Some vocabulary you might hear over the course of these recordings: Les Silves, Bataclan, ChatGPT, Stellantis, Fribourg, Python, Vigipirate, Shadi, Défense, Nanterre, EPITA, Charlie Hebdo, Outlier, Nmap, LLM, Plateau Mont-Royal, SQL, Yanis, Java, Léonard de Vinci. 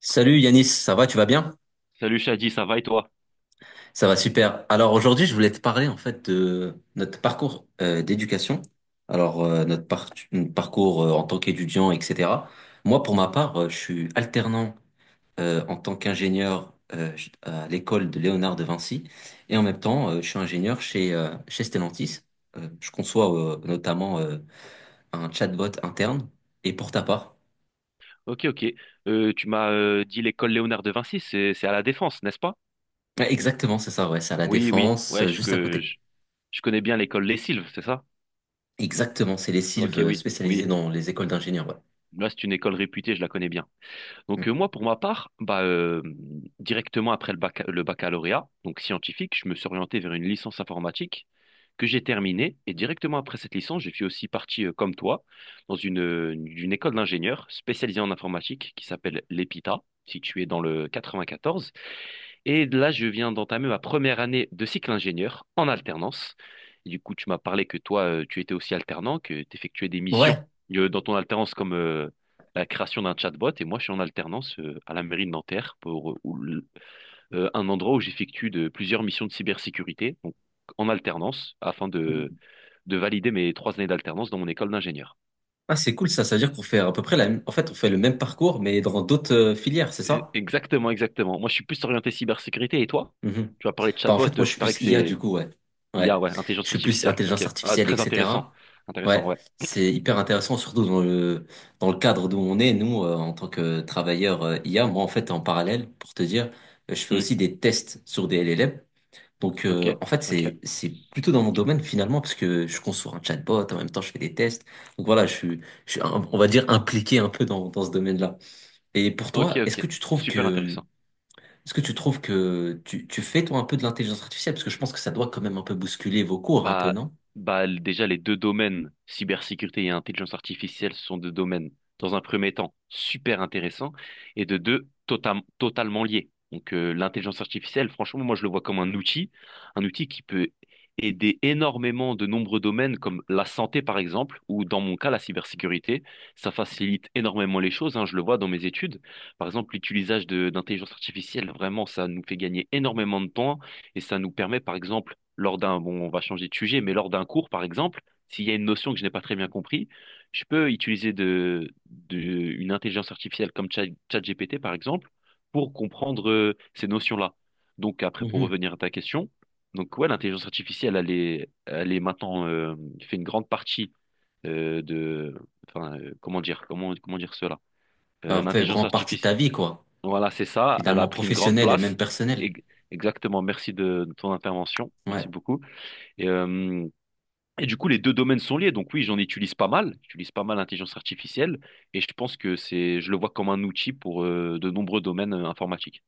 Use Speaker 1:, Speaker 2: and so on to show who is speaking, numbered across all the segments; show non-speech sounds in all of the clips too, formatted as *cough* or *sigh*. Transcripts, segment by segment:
Speaker 1: Salut Yanis, ça va, tu vas bien?
Speaker 2: Salut Shadi, ça va et toi?
Speaker 1: Ça va super. Alors aujourd'hui, je voulais te parler en fait de notre parcours d'éducation. Alors notre parcours en tant qu'étudiant, etc. Moi, pour ma part, je suis alternant en tant qu'ingénieur à l'école de Léonard de Vinci et en même temps, je suis ingénieur chez Stellantis. Je conçois notamment un chatbot interne. Et pour ta part?
Speaker 2: Ok, ok. Tu m'as dit l'école Léonard de Vinci, c'est à la Défense, n'est-ce pas?
Speaker 1: Ouais, exactement, c'est ça, ouais, c'est à la
Speaker 2: Oui, oui.
Speaker 1: Défense,
Speaker 2: Ouais,
Speaker 1: juste à côté.
Speaker 2: je connais bien l'école Les Silves, c'est ça?
Speaker 1: Exactement, c'est les
Speaker 2: Ok,
Speaker 1: sylves
Speaker 2: oui,
Speaker 1: spécialisés
Speaker 2: oui.
Speaker 1: dans les écoles d'ingénieurs, ouais.
Speaker 2: Là, c'est une école réputée, je la connais bien. Donc
Speaker 1: Mm.
Speaker 2: moi, pour ma part, directement après le baccalauréat, donc scientifique, je me suis orienté vers une licence informatique que j'ai terminée. Et directement après cette licence, je suis aussi parti, comme toi, dans une école d'ingénieurs spécialisée en informatique qui s'appelle l'EPITA, située dans le 94. Et là, je viens d'entamer ma première année de cycle ingénieur en alternance. Et du coup, tu m'as parlé que toi, tu étais aussi alternant, que tu effectuais des missions
Speaker 1: Ouais.
Speaker 2: dans ton alternance comme la création d'un chatbot. Et moi, je suis en alternance à la mairie de Nanterre pour un endroit où j'effectue de plusieurs missions de cybersécurité, donc en alternance, de valider mes 3 années d'alternance dans mon école d'ingénieur.
Speaker 1: Ah, c'est cool ça, ça veut dire qu'on fait à peu près la même. En fait, on fait le même parcours, mais dans d'autres filières, c'est ça?
Speaker 2: Exactement, exactement. Moi, je suis plus orienté cybersécurité. Et toi?
Speaker 1: Mhm.
Speaker 2: Tu vas parler de
Speaker 1: Bah, en
Speaker 2: chatbot,
Speaker 1: fait, moi, je
Speaker 2: je
Speaker 1: suis
Speaker 2: parie
Speaker 1: plus
Speaker 2: que
Speaker 1: IA, du
Speaker 2: c'est
Speaker 1: coup, ouais.
Speaker 2: I a,
Speaker 1: Ouais.
Speaker 2: ouais,
Speaker 1: Je
Speaker 2: intelligence
Speaker 1: suis plus
Speaker 2: artificielle, ok.
Speaker 1: intelligence
Speaker 2: Ah,
Speaker 1: artificielle,
Speaker 2: très intéressant.
Speaker 1: etc.
Speaker 2: Intéressant,
Speaker 1: Ouais.
Speaker 2: ouais.
Speaker 1: C'est hyper intéressant, surtout dans le cadre d'où on est, nous, en tant que travailleurs IA. Moi, en fait, en parallèle, pour te dire, je fais
Speaker 2: Hmm.
Speaker 1: aussi des tests sur des LLM. Donc,
Speaker 2: Ok,
Speaker 1: en fait,
Speaker 2: ok,
Speaker 1: c'est plutôt dans mon domaine finalement, parce que je conçois un chatbot, en même temps, je fais des tests. Donc voilà, je suis on va dire, impliqué un peu dans ce domaine-là. Et pour
Speaker 2: ok,
Speaker 1: toi,
Speaker 2: ok. Super intéressant.
Speaker 1: est-ce que tu trouves que tu fais, toi, un peu de l'intelligence artificielle? Parce que je pense que ça doit quand même un peu bousculer vos cours, un peu,
Speaker 2: Bah,
Speaker 1: non?
Speaker 2: déjà, les deux domaines, cybersécurité et intelligence artificielle, ce sont deux domaines, dans un premier temps, super intéressants, et de deux, totalement liés. Donc, l'intelligence artificielle, franchement, moi, je le vois comme un outil qui peut aider énormément de nombreux domaines, comme la santé, par exemple, ou dans mon cas, la cybersécurité. Ça facilite énormément les choses, hein, je le vois dans mes études. Par exemple, l'utilisation de d'intelligence artificielle, vraiment, ça nous fait gagner énormément de temps, et ça nous permet, par exemple, lors d'un, bon, on va changer de sujet, mais lors d'un cours, par exemple, s'il y a une notion que je n'ai pas très bien compris, je peux utiliser une intelligence artificielle comme ChatGPT, par exemple, pour comprendre ces notions-là. Donc après, pour
Speaker 1: Mhm.
Speaker 2: revenir à ta question, donc ouais, l'intelligence artificielle, elle est maintenant, fait une grande partie euh, de, enfin, comment dire, comment dire cela?
Speaker 1: Ça fait
Speaker 2: L'intelligence
Speaker 1: vraiment partie de
Speaker 2: artificielle,
Speaker 1: ta vie, quoi.
Speaker 2: voilà, c'est ça, elle a
Speaker 1: Finalement,
Speaker 2: pris une grande
Speaker 1: professionnelle et même
Speaker 2: place.
Speaker 1: personnelle.
Speaker 2: Ex- Exactement, merci de ton intervention, merci
Speaker 1: Ouais.
Speaker 2: beaucoup. Et, euh, et du coup, les deux domaines sont liés. Donc oui, j'en utilise pas mal. J'utilise pas mal l'intelligence artificielle et je pense que c'est, je le vois comme un outil pour de nombreux domaines informatiques.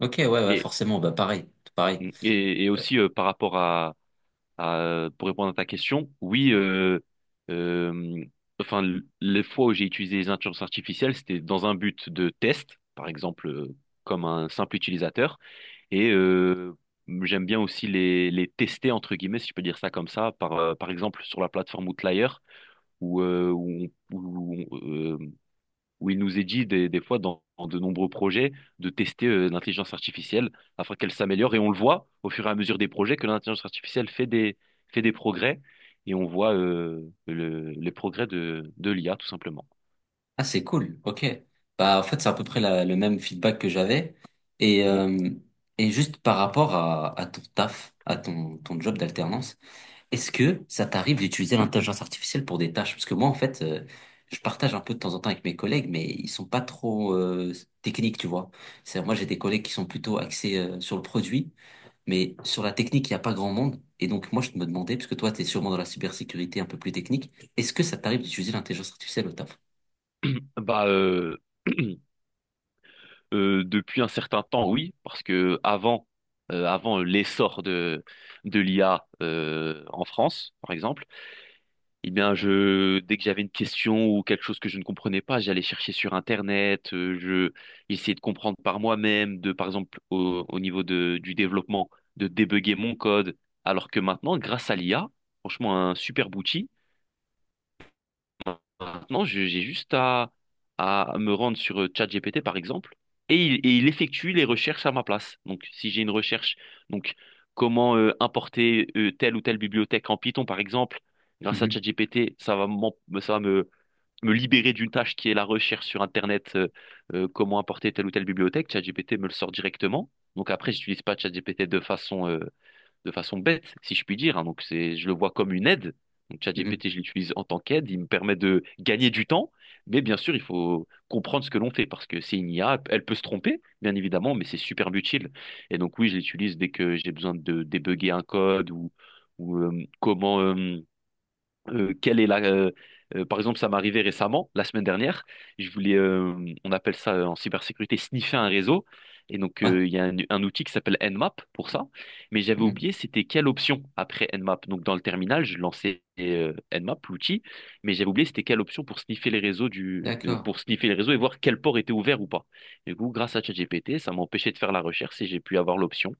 Speaker 1: Ok, ouais, ouais,
Speaker 2: Et
Speaker 1: forcément, bah pareil, pareil.
Speaker 2: mmh, et aussi par rapport à, pour répondre à ta question, oui, euh, enfin les fois où j'ai utilisé les intelligences artificielles, c'était dans un but de test, par exemple, comme un simple utilisateur. Et j'aime bien aussi les tester, entre guillemets, si je peux dire ça comme ça, par exemple sur la plateforme Outlier, où, euh, où, on- où, on- euh, où il nous est dit des fois dans de nombreux projets de tester l'intelligence artificielle afin qu'elle s'améliore. Et on le voit au fur et à mesure des projets que l'intelligence artificielle fait des progrès. Et on voit les progrès de l'IA, tout simplement.
Speaker 1: Ah, c'est cool, ok. Bah, en fait, c'est à peu près le même feedback que j'avais. Et,
Speaker 2: Mm.
Speaker 1: euh, et juste par rapport à ton taf, à ton job d'alternance, est-ce que ça t'arrive d'utiliser l'intelligence artificielle pour des tâches? Parce que moi, en fait, je partage un peu de temps en temps avec mes collègues, mais ils sont pas trop techniques, tu vois. C'est-à-dire, moi, j'ai des collègues qui sont plutôt axés sur le produit, mais sur la technique, il n'y a pas grand monde. Et donc, moi, je me demandais, parce que toi, tu es sûrement dans la cybersécurité un peu plus technique, est-ce que ça t'arrive d'utiliser l'intelligence artificielle au taf?
Speaker 2: Bah, euh, *clears throat* depuis un certain temps, oui, parce que avant, avant l'essor de l'IA en France, par exemple, eh bien, je, dès que j'avais une question ou quelque chose que je ne comprenais pas, j'allais chercher sur Internet, je j'essayais de comprendre par moi-même, par exemple, au niveau du développement, de débugger mon code, alors que maintenant, grâce à l'IA, franchement, un super outil. Maintenant, j'ai juste à me rendre sur ChatGPT, par exemple, et il effectue les recherches à ma place. Donc, si j'ai une recherche, donc comment importer telle ou telle bibliothèque en Python, par exemple, grâce à
Speaker 1: Mhm,
Speaker 2: ChatGPT, ça va me, me libérer d'une tâche qui est la recherche sur Internet, comment importer telle ou telle bibliothèque. ChatGPT me le sort directement. Donc après, j'utilise pas ChatGPT de façon bête, si je puis dire, hein. Donc c'est, je le vois comme une aide. Donc
Speaker 1: mhm.
Speaker 2: ChatGPT, je l'utilise en tant qu'aide. Il me permet de gagner du temps, mais bien sûr, il faut comprendre ce que l'on fait parce que c'est une IA. Elle peut se tromper, bien évidemment, mais c'est super utile. Et donc oui, je l'utilise dès que j'ai besoin de débugger un code ou comment. Quelle est la, par exemple, ça m'est arrivé récemment, la semaine dernière. Je voulais, on appelle ça en cybersécurité, sniffer un réseau. Et donc,
Speaker 1: Ouais.
Speaker 2: il y a un outil qui s'appelle Nmap pour ça. Mais j'avais
Speaker 1: Mhm.
Speaker 2: oublié, c'était quelle option après Nmap. Donc, dans le terminal, je lançais Nmap, l'outil, mais j'avais oublié, c'était quelle option pour sniffer les réseaux
Speaker 1: D'accord.
Speaker 2: pour sniffer les réseaux et voir quel port était ouvert ou pas. Du coup, grâce à ChatGPT, ça m'a empêché de faire la recherche et j'ai pu avoir l'option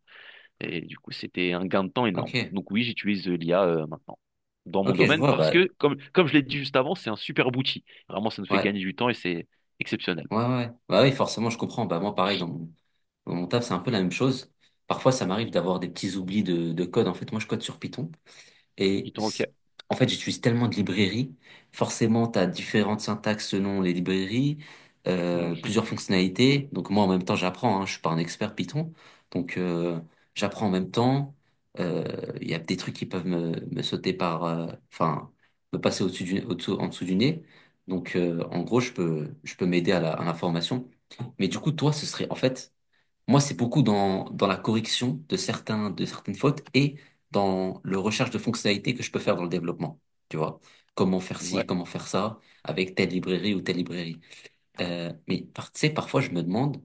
Speaker 2: et du coup, c'était un gain de temps énorme.
Speaker 1: Ok.
Speaker 2: Donc oui, j'utilise l'IA maintenant dans mon
Speaker 1: Ok, je
Speaker 2: domaine
Speaker 1: vois.
Speaker 2: parce
Speaker 1: Bah,
Speaker 2: que, comme je l'ai dit juste avant, c'est un super outil. Vraiment, ça nous fait
Speaker 1: ouais.
Speaker 2: gagner du temps et c'est exceptionnel.
Speaker 1: Ouais, ouais. Ouais. Bah oui, forcément, je comprends. Bah, moi, pareil, dans mon taf, c'est un peu la même chose. Parfois, ça m'arrive d'avoir des petits oublis de code. En fait, moi, je code sur Python. Et
Speaker 2: Du temps, ok.
Speaker 1: c- En fait, j'utilise tellement de librairies. Forcément, tu as différentes syntaxes selon les librairies,
Speaker 2: Mhm.
Speaker 1: plusieurs fonctionnalités. Donc moi, en même temps, j'apprends. Hein, je suis pas un expert Python. Donc j'apprends en même temps. Euh, Il y a des trucs qui peuvent me sauter par. Enfin, me passer au-dessus du, au-dessous, en dessous du nez. Donc en gros, je peux m'aider à l'information. Mais du coup, toi, ce serait en fait. Moi, c'est beaucoup dans la correction de de certaines fautes et dans le recherche de fonctionnalités que je peux faire dans le développement. Tu vois, comment faire ci,
Speaker 2: Ouais.
Speaker 1: comment faire ça avec telle librairie ou telle librairie. Mais tu sais, parfois, je me demande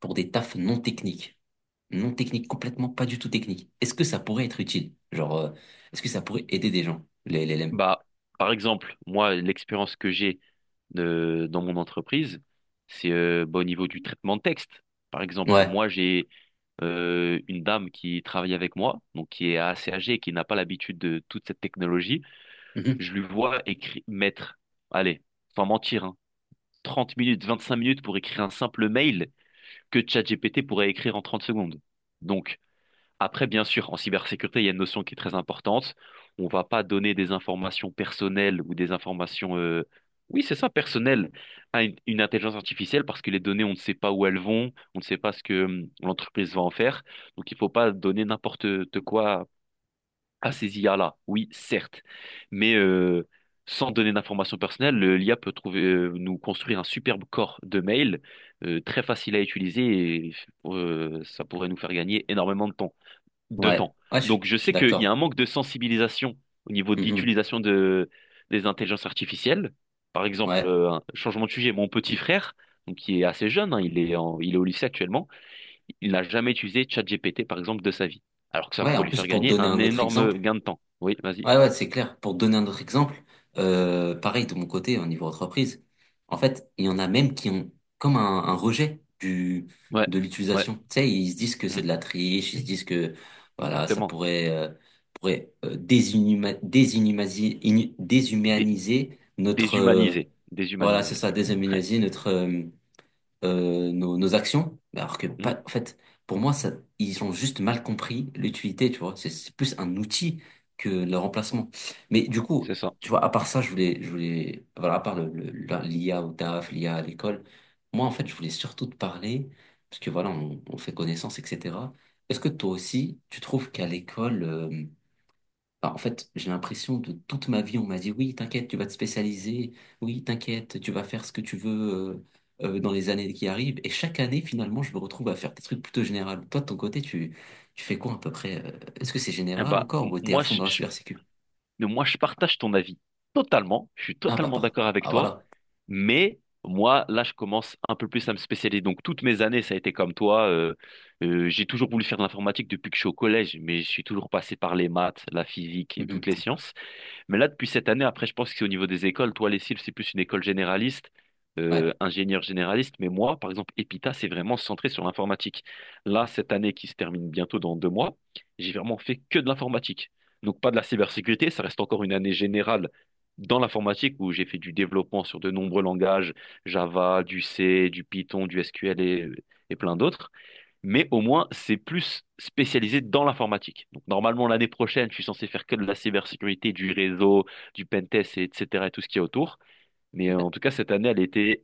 Speaker 1: pour des tafs non techniques, non techniques, complètement pas du tout techniques, est-ce que ça pourrait être utile? Genre, est-ce que ça pourrait aider des gens, les LLM?
Speaker 2: Bah, par exemple, moi, l'expérience que j'ai dans mon entreprise, c'est au niveau du traitement de texte. Par exemple,
Speaker 1: Ouais.
Speaker 2: moi, j'ai une dame qui travaille avec moi, donc qui est assez âgée et qui n'a pas l'habitude de toute cette technologie.
Speaker 1: Mhm.
Speaker 2: Je lui vois mettre, allez, sans mentir, hein, 30 minutes, 25 minutes pour écrire un simple mail que ChatGPT pourrait écrire en 30 secondes. Donc, après, bien sûr, en cybersécurité, il y a une notion qui est très importante. On ne va pas donner des informations personnelles ou des informations, oui, c'est ça, personnelles à une intelligence artificielle parce que les données, on ne sait pas où elles vont, on ne sait pas ce que l'entreprise va en faire. Donc, il ne faut pas donner n'importe quoi à ces IA-là. Oui, certes, mais sans donner d'informations personnelles, l'IA peut trouver, nous construire un superbe corps de mail très facile à utiliser et ça pourrait nous faire gagner énormément de
Speaker 1: Ouais,
Speaker 2: temps.
Speaker 1: ouais, je
Speaker 2: Donc je
Speaker 1: je suis
Speaker 2: sais qu'il y a un
Speaker 1: d'accord.
Speaker 2: manque de sensibilisation au niveau de
Speaker 1: Mhm.
Speaker 2: l'utilisation des intelligences artificielles. Par exemple,
Speaker 1: Ouais,
Speaker 2: un changement de sujet, mon petit frère, donc, qui est assez jeune, hein, il est il est au lycée actuellement, il n'a jamais utilisé ChatGPT, par exemple, de sa vie. Alors que ça
Speaker 1: ouais. En
Speaker 2: pourrait lui
Speaker 1: plus,
Speaker 2: faire
Speaker 1: pour te
Speaker 2: gagner
Speaker 1: donner
Speaker 2: un
Speaker 1: un autre
Speaker 2: énorme
Speaker 1: exemple.
Speaker 2: gain de temps. Oui, vas-y.
Speaker 1: Ouais, ouais, c'est clair. Pour donner un autre exemple, pareil de mon côté, au niveau entreprise, en fait, il y en a même qui ont comme un rejet
Speaker 2: Ouais,
Speaker 1: de
Speaker 2: ouais,
Speaker 1: l'utilisation. Tu sais, ils se disent que c'est
Speaker 2: mm,
Speaker 1: de la triche, ils se disent que voilà, ça
Speaker 2: exactement.
Speaker 1: pourrait, euh, pourrait euh,
Speaker 2: Dé-
Speaker 1: déshumaniser notre.
Speaker 2: déshumanisé.
Speaker 1: Voilà, c'est
Speaker 2: Déshumanisé,
Speaker 1: ça,
Speaker 2: oui. *laughs*
Speaker 1: déshumaniser nos actions, alors que
Speaker 2: Mm,
Speaker 1: pas, en fait, pour moi, ça, ils ont juste mal compris l'utilité, tu vois. C'est plus un outil que le remplacement. Mais du
Speaker 2: c'est
Speaker 1: coup,
Speaker 2: ça.
Speaker 1: tu vois, à part ça, voilà, à part l'IA au taf, l'IA à l'école, moi, en fait, je voulais surtout te parler, parce que voilà, on fait connaissance, etc. Est-ce que toi aussi, tu trouves qu'à l'école, alors, en fait, j'ai l'impression de toute ma vie, on m'a dit, oui, t'inquiète, tu vas te spécialiser, oui, t'inquiète, tu vas faire ce que tu veux dans les années qui arrivent. Et chaque année, finalement, je me retrouve à faire des trucs plutôt généraux. Toi, de ton côté, tu fais quoi à peu près? Est-ce que c'est
Speaker 2: Eh
Speaker 1: général
Speaker 2: bah,
Speaker 1: encore ou t'es à fond dans la cybersécu?
Speaker 2: moi, je partage ton avis totalement. Je suis
Speaker 1: Ah bah,
Speaker 2: totalement d'accord avec
Speaker 1: ah
Speaker 2: toi.
Speaker 1: voilà.
Speaker 2: Mais moi, là, je commence un peu plus à me spécialiser. Donc, toutes mes années, ça a été comme toi. J'ai toujours voulu faire de l'informatique depuis que je suis au collège, mais je suis toujours passé par les maths, la physique et toutes les
Speaker 1: Mhm.
Speaker 2: sciences. Mais là, depuis cette année, après, je pense que c'est au niveau des écoles. Toi, les Cils, c'est plus une école généraliste,
Speaker 1: Ouais.
Speaker 2: ingénieur généraliste. Mais moi, par exemple, Epita, c'est vraiment centré sur l'informatique. Là, cette année qui se termine bientôt dans 2 mois, j'ai vraiment fait que de l'informatique. Donc, pas de la cybersécurité. Ça reste encore une année générale dans l'informatique où j'ai fait du développement sur de nombreux langages, Java, du C, du Python, du SQL et plein d'autres, mais au moins, c'est plus spécialisé dans l'informatique. Donc, normalement, l'année prochaine, je suis censé faire que de la cybersécurité, du réseau, du pentest, et etc., et tout ce qu'il y a autour. Mais
Speaker 1: Ouais.
Speaker 2: en tout cas, cette année, elle était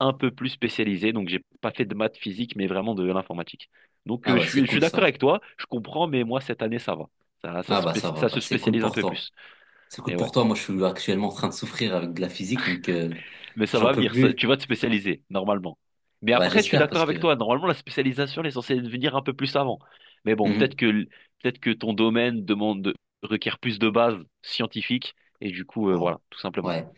Speaker 2: un peu plus spécialisée. Donc, j'ai pas fait de maths physique, mais vraiment de l'informatique. Donc,
Speaker 1: Ah bah, c'est
Speaker 2: je suis
Speaker 1: cool
Speaker 2: d'accord
Speaker 1: ça.
Speaker 2: avec toi, je comprends, mais moi, cette année, ça va.
Speaker 1: Ah bah, ça va,
Speaker 2: Ça
Speaker 1: bah,
Speaker 2: se
Speaker 1: c'est cool
Speaker 2: spécialise un
Speaker 1: pour
Speaker 2: peu
Speaker 1: toi.
Speaker 2: plus.
Speaker 1: C'est cool
Speaker 2: Et ouais.
Speaker 1: pour toi. Moi, je suis actuellement en train de souffrir avec de la physique, donc
Speaker 2: Mais ça
Speaker 1: j'en
Speaker 2: va
Speaker 1: peux
Speaker 2: venir,
Speaker 1: plus.
Speaker 2: tu vas te spécialiser, normalement. Mais
Speaker 1: Ouais,
Speaker 2: après, je suis
Speaker 1: j'espère
Speaker 2: d'accord
Speaker 1: parce
Speaker 2: avec
Speaker 1: que.
Speaker 2: toi, normalement, la spécialisation, elle est censée venir un peu plus avant. Mais bon,
Speaker 1: Mhm.
Speaker 2: peut-être que ton domaine demande, requiert plus de bases scientifiques, et du coup,
Speaker 1: Ouais.
Speaker 2: voilà, tout simplement.
Speaker 1: Ouais.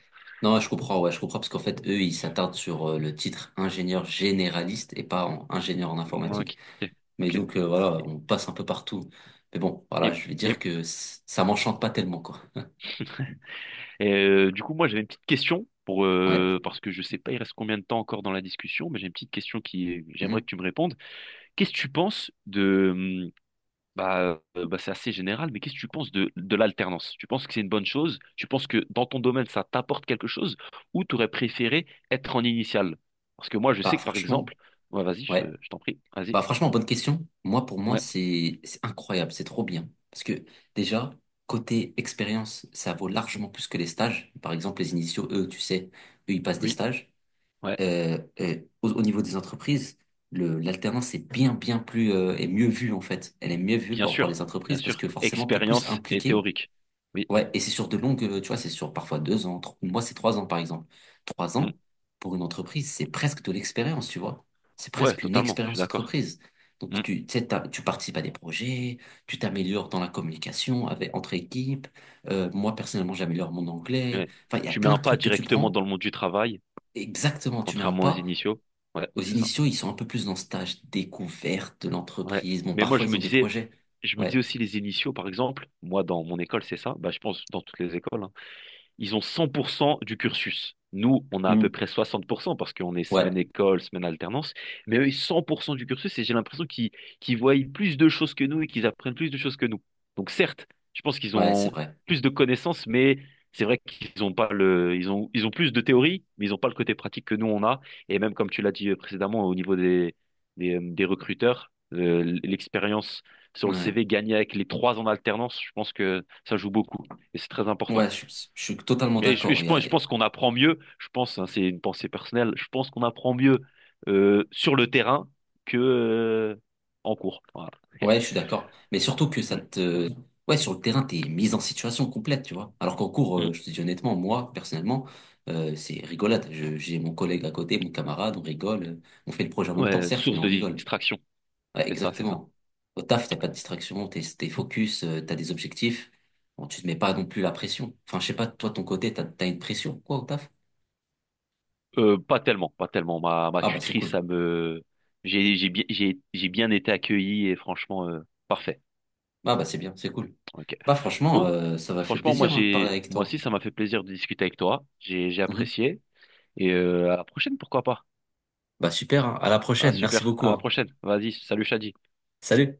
Speaker 1: Non, je comprends, ouais, je comprends parce qu'en fait, eux, ils s'attardent sur le titre ingénieur généraliste et pas en ingénieur en
Speaker 2: Ok,
Speaker 1: informatique. Mais
Speaker 2: ok.
Speaker 1: donc, voilà, on passe un peu partout. Mais bon, voilà,
Speaker 2: Et,
Speaker 1: je vais dire
Speaker 2: et,
Speaker 1: que ça m'enchante pas tellement, quoi. *laughs*
Speaker 2: et, du coup, moi, j'avais une petite question,
Speaker 1: Ouais.
Speaker 2: parce que je sais pas, il reste combien de temps encore dans la discussion, mais j'ai une petite question qui, j'aimerais que
Speaker 1: Mhm.
Speaker 2: tu me répondes. Qu'est-ce que tu penses de bah, bah, c'est assez général, mais qu'est-ce que tu penses de l'alternance? Tu penses que c'est une bonne chose? Tu penses que dans ton domaine, ça t'apporte quelque chose? Ou tu aurais préféré être en initial? Parce que moi, je
Speaker 1: Bah,
Speaker 2: sais que par
Speaker 1: franchement,
Speaker 2: exemple, ouais, vas-y,
Speaker 1: ouais.
Speaker 2: je t'en prie, vas-y.
Speaker 1: Bah, franchement, bonne question. Moi, pour moi,
Speaker 2: Ouais,
Speaker 1: c'est incroyable, c'est trop bien. Parce que déjà, côté expérience, ça vaut largement plus que les stages. Par exemple, les initiaux, eux, tu sais, eux, ils passent des
Speaker 2: oui,
Speaker 1: stages.
Speaker 2: ouais,
Speaker 1: Au niveau des entreprises, l'alternance est bien plus, est mieux vue, en fait. Elle est mieux vue
Speaker 2: bien
Speaker 1: par
Speaker 2: sûr,
Speaker 1: les
Speaker 2: bien
Speaker 1: entreprises parce
Speaker 2: sûr.
Speaker 1: que forcément, t'es plus
Speaker 2: Expérience et
Speaker 1: impliqué.
Speaker 2: théorique. Oui,
Speaker 1: Ouais, et c'est sur de longues, tu vois, c'est sur parfois 2 ans, moi, c'est 3 ans, par exemple. Trois
Speaker 2: hmm.
Speaker 1: ans, pour une entreprise, c'est presque de l'expérience, tu vois. C'est
Speaker 2: Ouais,
Speaker 1: presque une
Speaker 2: totalement, je suis
Speaker 1: expérience
Speaker 2: d'accord.
Speaker 1: entreprise. Donc,
Speaker 2: Hmm.
Speaker 1: tu sais, tu participes à des projets, tu t'améliores dans la communication entre équipes. Moi, personnellement, j'améliore mon anglais.
Speaker 2: Ouais.
Speaker 1: Enfin, il y a
Speaker 2: Tu mets
Speaker 1: plein
Speaker 2: un
Speaker 1: de
Speaker 2: pas
Speaker 1: trucs que tu
Speaker 2: directement
Speaker 1: prends.
Speaker 2: dans le monde du travail,
Speaker 1: Exactement, tu mets un
Speaker 2: contrairement aux
Speaker 1: pas.
Speaker 2: initiaux. Ouais,
Speaker 1: Aux
Speaker 2: c'est ça.
Speaker 1: initiaux, ils sont un peu plus dans ce stage découverte de
Speaker 2: Ouais.
Speaker 1: l'entreprise. Bon,
Speaker 2: Mais moi,
Speaker 1: parfois,
Speaker 2: je
Speaker 1: ils
Speaker 2: me
Speaker 1: ont des
Speaker 2: disais,
Speaker 1: projets.
Speaker 2: je me dis
Speaker 1: Ouais.
Speaker 2: aussi les initiaux, par exemple, moi, dans mon école, c'est ça, bah, je pense dans toutes les écoles, hein, ils ont 100% du cursus. Nous, on a à peu
Speaker 1: Hmm.
Speaker 2: près 60% parce qu'on est
Speaker 1: Ouais.
Speaker 2: semaine école, semaine alternance, mais eux, ils ont 100% du cursus et j'ai l'impression qu'ils voient plus de choses que nous et qu'ils apprennent plus de choses que nous. Donc certes, je pense qu'ils
Speaker 1: Ouais, c'est
Speaker 2: ont
Speaker 1: vrai.
Speaker 2: plus de connaissances, mais c'est vrai qu'ils ont pas le, ils ont plus de théorie, mais ils n'ont pas le côté pratique que nous on a. Et même comme tu l'as dit précédemment, au niveau des recruteurs, l'expérience sur le
Speaker 1: Ouais.
Speaker 2: CV gagnée avec les 3 ans d'alternance, je pense que ça joue beaucoup et c'est très important.
Speaker 1: Ouais, je suis totalement
Speaker 2: Et
Speaker 1: d'accord.
Speaker 2: je pense qu'on apprend mieux, je pense, hein, c'est une pensée personnelle, je pense qu'on apprend mieux sur le terrain que en cours. Voilà. *laughs*
Speaker 1: Ouais, je suis d'accord. Mais surtout que ça
Speaker 2: Mm,
Speaker 1: te. Ouais, sur le terrain, t'es mise en situation complète, tu vois. Alors qu'en cours,
Speaker 2: mm.
Speaker 1: je te dis honnêtement, moi, personnellement, c'est rigolade. J'ai mon collègue à côté, mon camarade, on rigole. On fait le projet en même temps,
Speaker 2: Ouais,
Speaker 1: certes, mais
Speaker 2: source
Speaker 1: on
Speaker 2: de
Speaker 1: rigole.
Speaker 2: distraction,
Speaker 1: Ouais,
Speaker 2: c'est ça, c'est ça.
Speaker 1: exactement. Au taf, t'as pas de distraction, t'es focus, t'as des objectifs. Bon, tu te mets pas non plus la pression. Enfin, je sais pas, toi, ton côté, t'as une pression, quoi, au taf?
Speaker 2: Pas tellement, pas tellement. Ma
Speaker 1: Ah, bah, c'est
Speaker 2: tutrice,
Speaker 1: cool.
Speaker 2: ça me... j'ai bien été accueilli et franchement, parfait.
Speaker 1: Ah, bah, c'est bien, c'est cool.
Speaker 2: Ok.
Speaker 1: Bah, franchement,
Speaker 2: Donc,
Speaker 1: ça m'a fait
Speaker 2: franchement,
Speaker 1: plaisir, hein, de parler avec
Speaker 2: moi
Speaker 1: toi.
Speaker 2: aussi, ça m'a fait plaisir de discuter avec toi. J'ai
Speaker 1: Mhm.
Speaker 2: apprécié. Et à la prochaine, pourquoi pas.
Speaker 1: Bah, super, hein. À la
Speaker 2: Ah,
Speaker 1: prochaine. Merci
Speaker 2: super.
Speaker 1: beaucoup,
Speaker 2: À la
Speaker 1: hein.
Speaker 2: prochaine. Vas-y, salut Shadi.
Speaker 1: Salut.